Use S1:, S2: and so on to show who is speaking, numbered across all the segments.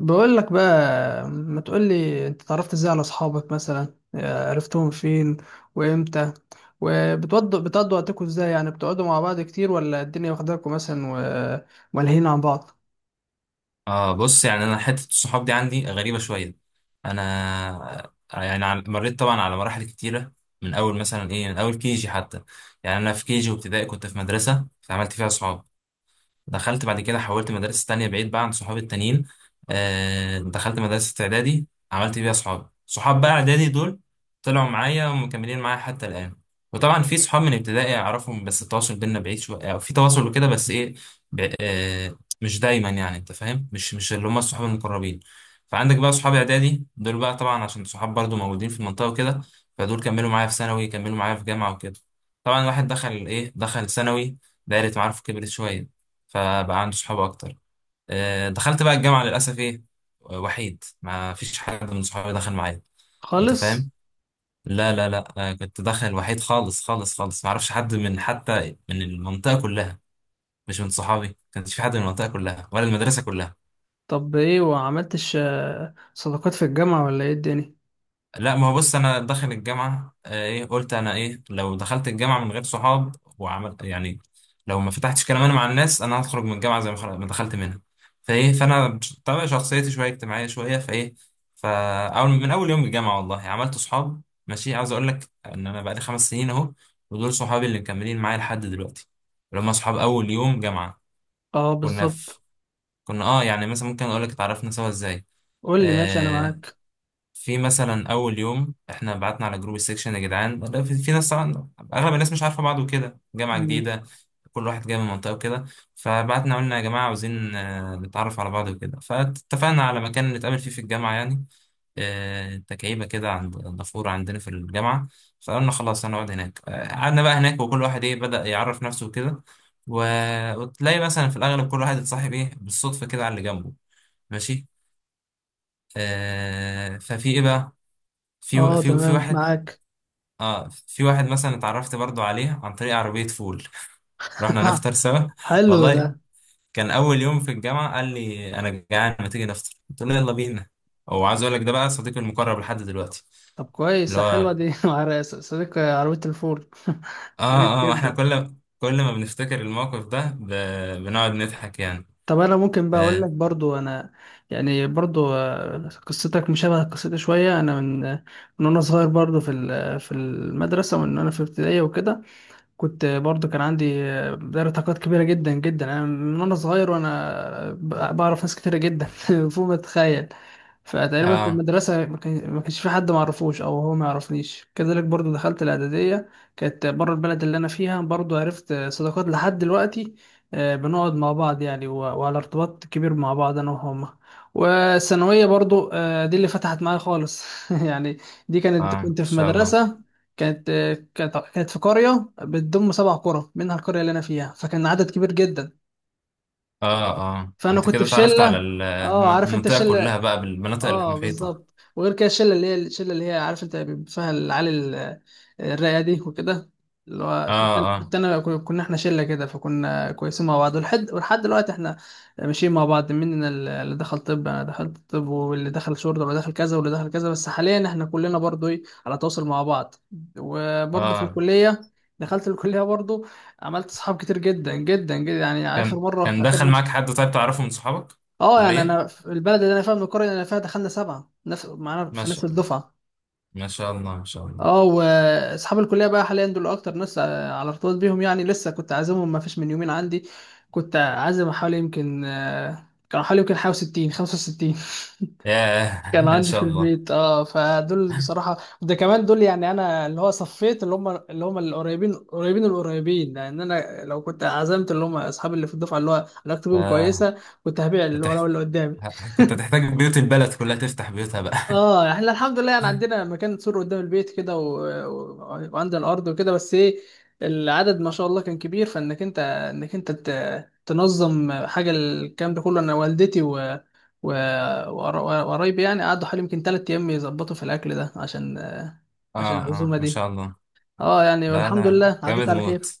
S1: بقول لك بقى، ما تقول لي انت اتعرفت ازاي على اصحابك؟ مثلا عرفتهم فين وامتى؟ وبتقضوا وقتكم ازاي؟ يعني بتقعدوا مع بعض كتير ولا الدنيا واخداكم مثلا وملهيين عن بعض؟
S2: اه بص، يعني انا حته الصحاب دي عندي غريبه شويه. انا يعني مريت طبعا على مراحل كتيره، من اول مثلا ايه من اول كيجي حتى. يعني انا في كيجي وابتدائي كنت في مدرسه فعملت فيها صحاب. دخلت بعد كده حولت مدارس تانية بعيد بقى عن صحابي التانيين. دخلت مدرسة إعدادي عملت بيها صحاب. صحاب بقى إعدادي دول طلعوا معايا ومكملين معايا حتى الآن. وطبعا في صحاب من ابتدائي أعرفهم بس التواصل بينا بعيد شوية أو في تواصل وكده، بس إيه، مش دايما. يعني أنت فاهم، مش اللي هم الصحاب المقربين. فعندك بقى صحاب إعدادي دول، بقى طبعا عشان صحاب برضو موجودين في المنطقة وكده. فدول كملوا معايا في ثانوي، كملوا معايا في جامعة وكده. طبعا الواحد دخل إيه دخل ثانوي، دايرة معارفه كبرت شوية، فبقى عنده صحاب اكتر. دخلت بقى الجامعه للاسف ايه، وحيد، ما فيش حد من صحابي دخل معايا. انت
S1: خالص.
S2: فاهم؟ لا لا لا، أنا كنت داخل وحيد خالص خالص خالص، ما اعرفش حد من حتى من المنطقه كلها. مش من صحابي، ما كانش في حد من المنطقه كلها ولا المدرسه كلها.
S1: طب ايه وعملتش صداقات في الجامعة ولا ايه الدنيا؟
S2: لا، ما هو بص انا داخل الجامعه، ايه، قلت انا ايه لو دخلت الجامعه من غير صحاب وعمل يعني، لو ما فتحتش كلام انا مع الناس انا هخرج من الجامعه زي ما ما دخلت منها. فايه فانا، طبعا شخصيتي شويه اجتماعيه شويه، فايه، فاول من اول يوم الجامعه والله عملت صحاب. ماشي، عاوز اقول لك ان انا بقالي 5 سنين اهو، ودول صحابي اللي مكملين معايا لحد دلوقتي، اللي هم صحاب اول يوم جامعه.
S1: اه
S2: كنا
S1: بالظبط.
S2: في كنا، اه يعني، مثلا ممكن اقول لك اتعرفنا سوا ازاي.
S1: قول لي ماشي، انا
S2: آه،
S1: معاك.
S2: في مثلا اول يوم احنا بعتنا على جروب السكشن يا جدعان، لا، في ناس، طبعا اغلب الناس مش عارفه بعض وكده، جامعه
S1: مم.
S2: جديده، كل واحد جاي من منطقه وكده. فبعتنا قلنا يا جماعه عاوزين نتعرف على بعض وكده، فاتفقنا على مكان نتقابل فيه في الجامعه يعني، تكعيبه كده عند النافوره عندنا في الجامعه. فقلنا خلاص هنقعد هناك. قعدنا بقى هناك، وكل واحد ايه بدأ يعرف نفسه وكده، وتلاقي مثلا في الاغلب كل واحد اتصاحب ايه بالصدفه كده على اللي جنبه. ماشي، ففي ايه بقى، في
S1: اه
S2: في في
S1: تمام
S2: واحد.
S1: معاك.
S2: اه، في واحد مثلا اتعرفت برضو عليه عن طريق عربية فول. رحنا نفطر سوا.
S1: حلو ده.
S2: والله كان أول يوم في الجامعة، قال لي أنا جعان ما تيجي نفطر، قلت له يلا بينا. وعايز أقول لك ده بقى صديقي المقرب لحد دلوقتي،
S1: طب
S2: اللي
S1: كويس، حلوة
S2: هو،
S1: دي مع صديق عربية الفول. كويس
S2: اه اه، احنا
S1: جدا.
S2: كل ما بنفتكر الموقف ده، بنقعد نضحك يعني.
S1: طب انا ممكن بقى اقول
S2: اه
S1: لك برضو انا، يعني برضو، قصتك مشابهه قصتي شويه. انا من من وانا صغير، برضو في في المدرسه وان انا في ابتدائيه وكده كنت برضو كان عندي دايرة طاقات كبيرة جدا جدا. أنا من وأنا صغير وأنا بعرف ناس كتيرة جدا فوق ما تتخيل. فتقريبا في
S2: اه.
S1: المدرسة ما كانش في حد معرفوش أو هو ما يعرفنيش. كذلك برضو دخلت الإعدادية، كانت بره البلد اللي أنا فيها. برضو عرفت صداقات لحد دلوقتي، بنقعد مع بعض يعني وعلى ارتباط كبير مع بعض أنا وهما. والثانوية برضو دي اللي فتحت معايا خالص يعني. دي كانت
S2: ان
S1: كنت في
S2: شاء الله.
S1: مدرسة، كانت كانت في قرية بتضم سبع قرى منها القرية اللي أنا فيها، فكان عدد كبير جدا.
S2: اه اه،
S1: فأنا
S2: انت
S1: كنت
S2: كده
S1: في
S2: اتعرفت على
S1: شلة. اه عارف أنت
S2: المنطقة
S1: الشلة؟
S2: كلها بقى، بالمناطق
S1: اه
S2: المحيطة.
S1: بالظبط. وغير كده الشله، اللي هي الشله اللي هي، عارف انت بيبقى فيها العيال ال- الرايقه دي وكده، اللي
S2: اه
S1: هو كنت،
S2: اه
S1: كنت انا، كنا احنا شله كده. فكنا كويسين مع بعض ولحد دلوقتي احنا ماشيين مع بعض. مننا اللي دخل طب، انا دخلت طب، واللي دخل شرطه، واللي دخل كذا، واللي دخل كذا. بس حاليا احنا كلنا برضو ايه على تواصل مع بعض. وبرضو في
S2: اه،
S1: الكليه، دخلت الكليه برضو، عملت صحاب كتير جدا جدا جدا. يعني اخر
S2: كان
S1: مره
S2: كان دخل معاك حد طيب تعرفه من صحابك؟
S1: اه يعني
S2: كلية.
S1: انا في البلد اللي انا فيها، من القريه اللي انا فيها دخلنا سبعه نفس معانا
S2: ما
S1: في نفس
S2: شاء
S1: الدفعه.
S2: ما شاء الله، ما شاء الله.
S1: اه واصحاب الكليه بقى حاليا دول اكتر ناس على ارتباط بيهم. يعني لسه كنت عازمهم ما فيش من يومين عندي، كنت عازم حوالي يمكن كانوا حوالي يمكن حوالي 60 65
S2: ياه
S1: كان
S2: ما
S1: عندي في
S2: شاء الله.
S1: البيت. اه فدول بصراحه. ده كمان دول يعني انا اللي هو صفيت اللي هم اللي هم القريبين قريبين القريبين، لان انا لو كنت عزمت اللي هم اصحابي اللي في الدفعه اللي هو علاقتي
S2: ف...
S1: بيهم كويسه، كنت هبيع اللي
S2: هتح...
S1: ورا واللي قدامي.
S2: كنت هتحتاج بيوت البلد كلها تفتح بيوتها بقى
S1: اه احنا الحمد لله يعني عندنا مكان سور قدام البيت كده وعند الارض وكده. بس ايه، العدد ما شاء الله كان كبير، فانك انت، انك انت ت... تنظم حاجه. الكلام ده كله انا والدتي و... وقرايبي يعني قعدوا حوالي يمكن 3 ايام يظبطوا في الاكل ده عشان، عشان
S2: اه اه
S1: العزومه
S2: ما
S1: دي.
S2: شاء الله.
S1: اه يعني
S2: لا
S1: والحمد
S2: لا،
S1: لله عدت
S2: جامد
S1: على
S2: موت،
S1: خير.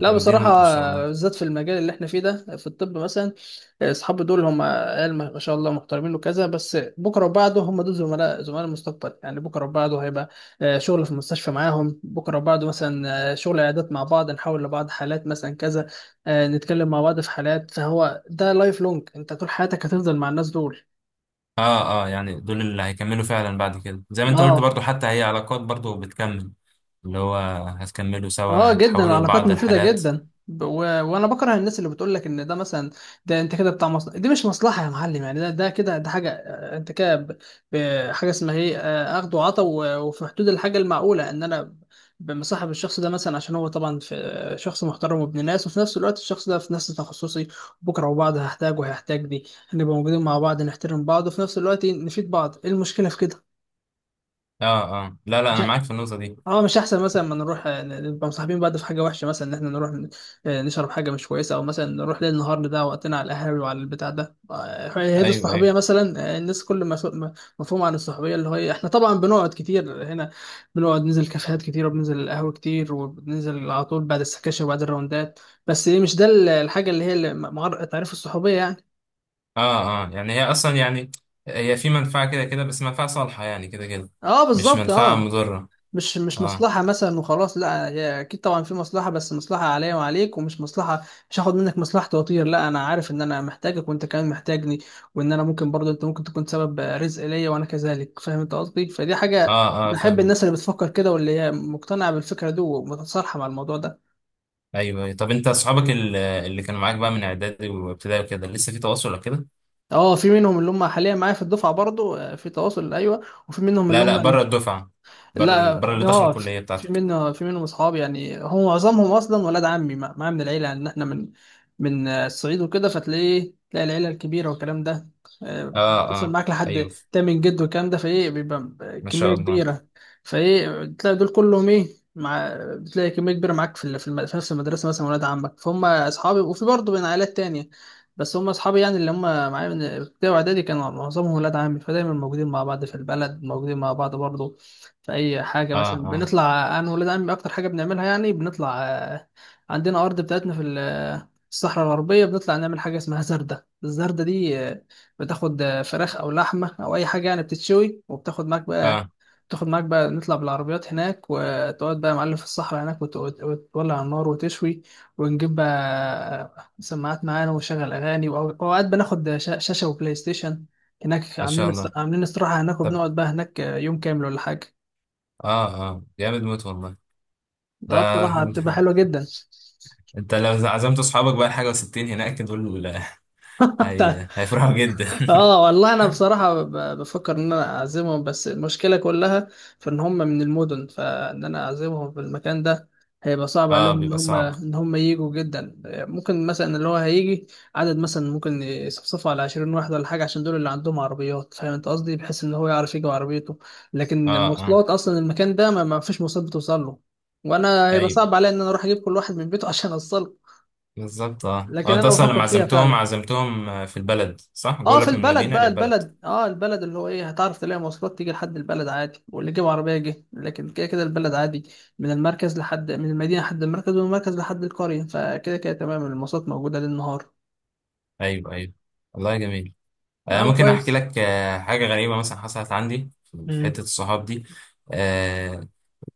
S1: لا
S2: جامدين
S1: بصراحه،
S2: موت، ما شاء الله.
S1: بالذات في المجال اللي احنا فيه ده، في الطب مثلا، اصحابي دول هم قال ما ما شاء الله محترمين وكذا. بس بكره وبعده هم دول زملاء، زملاء المستقبل يعني. بكره وبعده هيبقى شغل في المستشفى معاهم، بكره وبعده مثلا شغل عيادات مع بعض، نحاول لبعض حالات مثلا كذا، نتكلم مع بعض في حالات. فهو ده لايف لونج، انت طول حياتك هتفضل مع الناس دول.
S2: اه اه، يعني دول اللي هيكملوا فعلا بعد كده زي ما انت قلت،
S1: اه
S2: برضو حتى هي علاقات برضو بتكمل. اللي هو، هتكملوا
S1: اه
S2: سوا،
S1: جدا،
S2: هتحولوا
S1: العلاقات
S2: لبعض
S1: مفيدة
S2: الحالات.
S1: جدا. وانا بكره الناس اللي بتقول لك ان ده مثلا، ده انت كده بتاع مصلحة. دي مش مصلحة يا معلم يعني. ده ده كده ده حاجة انت كده حاجة اسمها ايه، اخد وعطا وفي حدود الحاجة المعقولة، ان انا مصاحب الشخص ده مثلا عشان هو طبعا في شخص محترم وابن ناس، وفي نفس الوقت الشخص ده في نفس تخصصي. بكره وبعض هحتاج وهيحتاج، دي هنبقى موجودين مع بعض نحترم بعض، وفي نفس الوقت نفيد بعض. ايه المشكلة في
S2: اه اه، لا لا، انا معاك
S1: كده؟
S2: في النقطة دي.
S1: اه مش احسن مثلا ما نروح نبقى مصاحبين بعض في حاجه وحشه، مثلا ان احنا نروح نشرب حاجه مش كويسه، او مثلا نروح ليل نهار نضيع وقتنا على القهاوي وعلى البتاع ده. هي دي
S2: ايوه ايوه،
S1: الصحوبيه مثلا، الناس كل ما مفهوم عن الصحوبيه، اللي هو إيه، احنا طبعا بنقعد كتير هنا، بنقعد ننزل كافيهات كتير وبننزل القهوه كتير وبننزل على طول بعد السكاشن وبعد الراوندات. بس إيه، مش ده الحاجه اللي هي اللي تعريف الصحوبيه يعني.
S2: اه اه، يعني هي اصلا يعني، هي في منفعة كده كده، بس منفعة صالحة يعني كده كده،
S1: اه
S2: مش
S1: بالظبط.
S2: منفعة
S1: اه
S2: مضرة.
S1: مش
S2: اه
S1: مصلحة مثلا وخلاص، لا هي أكيد طبعا في مصلحة، بس مصلحة عليا وعليك، ومش مصلحة، مش هاخد منك مصلحتي وأطير. لا أنا عارف إن أنا محتاجك وأنت كمان محتاجني، وإن أنا ممكن برضه، أنت ممكن تكون سبب رزق ليا وأنا كذلك، فاهم أنت قصدي؟ فدي حاجة
S2: اه اه،
S1: بحب
S2: فاهمك.
S1: الناس اللي بتفكر كده واللي هي مقتنعة بالفكرة دي ومتصالحة مع الموضوع ده.
S2: ايوه، أيوة. طب انت اصحابك اللي كانوا معاك بقى من اعدادي وابتدائي وكده لسه في تواصل ولا كده؟
S1: اه في منهم اللي هم حاليا معايا في الدفعة برضه في تواصل أيوه. وفي منهم اللي
S2: لا لا،
S1: هم،
S2: بره الدفعة، بره بره
S1: لا،
S2: اللي دخلوا
S1: اه
S2: الكلية بتاعتك.
S1: في منهم اصحاب. يعني هو معظمهم اصلا ولاد عمي، مع من العيله، ان احنا من الصعيد وكده، فتلاقيه تلاقي العيله الكبيره والكلام ده. آه،
S2: اه
S1: بتصل
S2: اه،
S1: معاك لحد
S2: ايوه،
S1: تامن جد والكلام ده، فايه بيبقى
S2: ما شاء
S1: كميه
S2: الله.
S1: كبيره. فايه تلاقي دول كلهم ايه، مع بتلاقي كميه كبيره معاك في في نفس المدرسه مثلا ولاد عمك، فهم اصحابي. وفي برضه بين عائلات تانية، بس هم اصحابي يعني اللي هم معايا من ابتدائي واعدادي كانوا معظمهم ولاد عمي، فدايما موجودين مع بعض في البلد. موجودين مع بعض برضه في اي حاجه.
S2: اه
S1: مثلا
S2: اه
S1: بنطلع انا وولاد عمي، اكتر حاجه بنعملها يعني بنطلع عندنا ارض بتاعتنا في الصحراء الغربيه، بنطلع نعمل حاجه اسمها زردة. الزردة دي بتاخد فراخ او لحمه او اي حاجه يعني بتتشوي، وبتاخد معاك بقى،
S2: اه،
S1: تاخد معاك بقى، نطلع بالعربيات هناك وتقعد بقى يا معلم في الصحراء هناك وتولع على النار وتشوي. ونجيب بقى سماعات معانا ونشغل اغاني، واوقات بناخد شاشه وبلاي ستيشن هناك،
S2: ما
S1: عاملين
S2: شاء الله.
S1: عاملين استراحه هناك،
S2: طب،
S1: وبنقعد بقى هناك يوم كامل ولا حاجه.
S2: اه اه جامد موت والله ده.
S1: اه بصراحة بتبقى حلوة جدا.
S2: انت لو عزمت اصحابك بقى حاجة وستين هناك دول هيفرحوا جدا.
S1: اه والله انا بصراحة بفكر ان انا اعزمهم، بس المشكلة كلها في ان هم من المدن، فان انا اعزمهم في المكان ده هيبقى صعب عليهم
S2: اه،
S1: ان
S2: بيبقى
S1: هم
S2: صعب.
S1: ان هم ييجوا. جدا ممكن مثلا اللي هو هيجي عدد مثلا، ممكن يصفصفوا على 20 واحد ولا حاجة، عشان دول اللي عندهم عربيات. فاهم انت قصدي؟ بحيث ان هو يعرف يجي بعربيته، لكن
S2: اه اه،
S1: مواصلات اصلا المكان ده ما فيش مواصلات بتوصل له. وانا هيبقى
S2: ايوه
S1: صعب عليا ان انا اروح اجيب كل واحد من بيته عشان اوصله.
S2: بالظبط. اه اه،
S1: لكن
S2: انت
S1: انا
S2: اصلا
S1: بفكر
S2: لما
S1: فيها
S2: عزمتهم
S1: فعلا.
S2: عزمتهم في البلد صح؟
S1: اه في
S2: جولك من
S1: البلد
S2: المدينة
S1: بقى،
S2: للبلد.
S1: البلد اه، البلد اللي هو ايه هتعرف تلاقي مواصلات تيجي لحد البلد عادي، واللي جاب عربيه جه، لكن كده كده البلد عادي، من المركز لحد، من المدينه لحد المركز ومن المركز لحد القريه، فكده كده تمام المواصلات موجوده ليل نهار.
S2: ايوه ايوه، والله جميل.
S1: اه
S2: ممكن احكي
S1: كويس.
S2: لك حاجة غريبة مثلا حصلت عندي في حتة
S1: امم.
S2: الصحاب دي. آه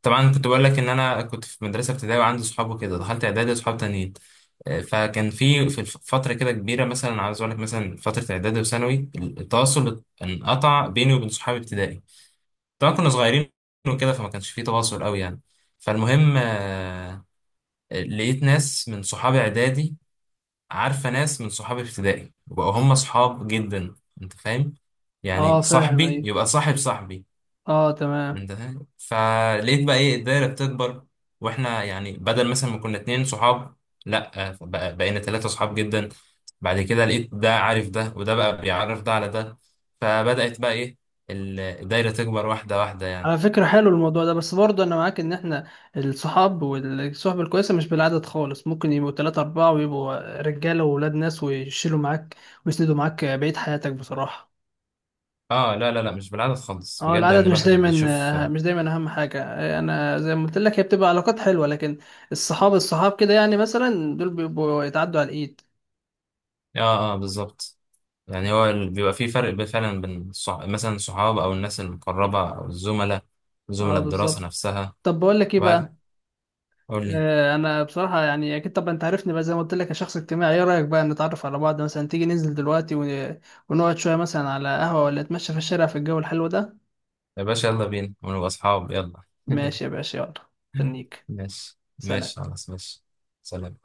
S2: طبعا كنت بقول لك ان انا كنت في مدرسة ابتدائي وعندي صحاب وكده، دخلت اعدادي وصحاب تانيين. فكان في فترة كده كبيرة، مثلا عايز اقول لك، مثلا فترة اعدادي وثانوي التواصل انقطع بيني وبين صحابي ابتدائي، طبعا كنا صغيرين وكده، فما كانش فيه تواصل قوي يعني. فالمهم، لقيت ناس من صحابي اعدادي عارفه ناس من صحابي ابتدائي، وبقوا هم صحاب جدا. انت فاهم، يعني
S1: اه فاهم
S2: صاحبي
S1: ايوه.
S2: يبقى صاحب صاحبي.
S1: اه تمام.
S2: انت فاهم، فلقيت بقى ايه الدايره بتكبر. واحنا يعني بدل مثلا ما كنا 2 صحاب، لا بقينا 3 صحاب جدا. بعد كده لقيت ده عارف ده، وده بقى بيعرف ده على ده، فبدأت بقى ايه، الدايره تكبر واحده واحده يعني.
S1: على فكره حلو الموضوع ده، بس برضه انا معاك ان احنا الصحاب والصحبه الكويسه مش بالعدد خالص. ممكن يبقوا ثلاثة أربعة ويبقوا رجاله وولاد ناس ويشيلوا معاك ويسندوا معاك بقيه حياتك بصراحه.
S2: اه، لا لا لا، مش بالعدد خالص
S1: اه
S2: بجد، يعني
S1: العدد مش
S2: الواحد بيشوف.
S1: دايما،
S2: اه
S1: مش دايما اهم حاجه. انا زي ما قلت لك، هي بتبقى علاقات حلوه، لكن الصحاب، الصحاب كده يعني مثلا دول بيبقوا يتعدوا على الايد.
S2: اه بالظبط، يعني هو بيبقى في فرق فعلا بين مثلا الصحاب او الناس المقربة او الزملاء،
S1: اه
S2: زملاء الدراسة
S1: بالظبط.
S2: نفسها
S1: طب بقول لك ايه
S2: وهكذا.
S1: بقى،
S2: قول لي.
S1: انا بصراحه يعني اكيد طبعا انت عارفني بقى زي ما قلت لك أنا شخص اجتماعي. ايه رايك بقى نتعرف على بعض مثلا؟ تيجي ننزل دلوقتي ونقعد شويه مثلا على قهوه ولا نتمشى في الشارع في الجو الحلو ده؟
S2: يا باشا يلا بينا ونبقى اصحاب يلا
S1: ماشي يا باشا، يلا. استنيك.
S2: ماشي
S1: سلام.
S2: ماشي خلاص ماشي. سلام.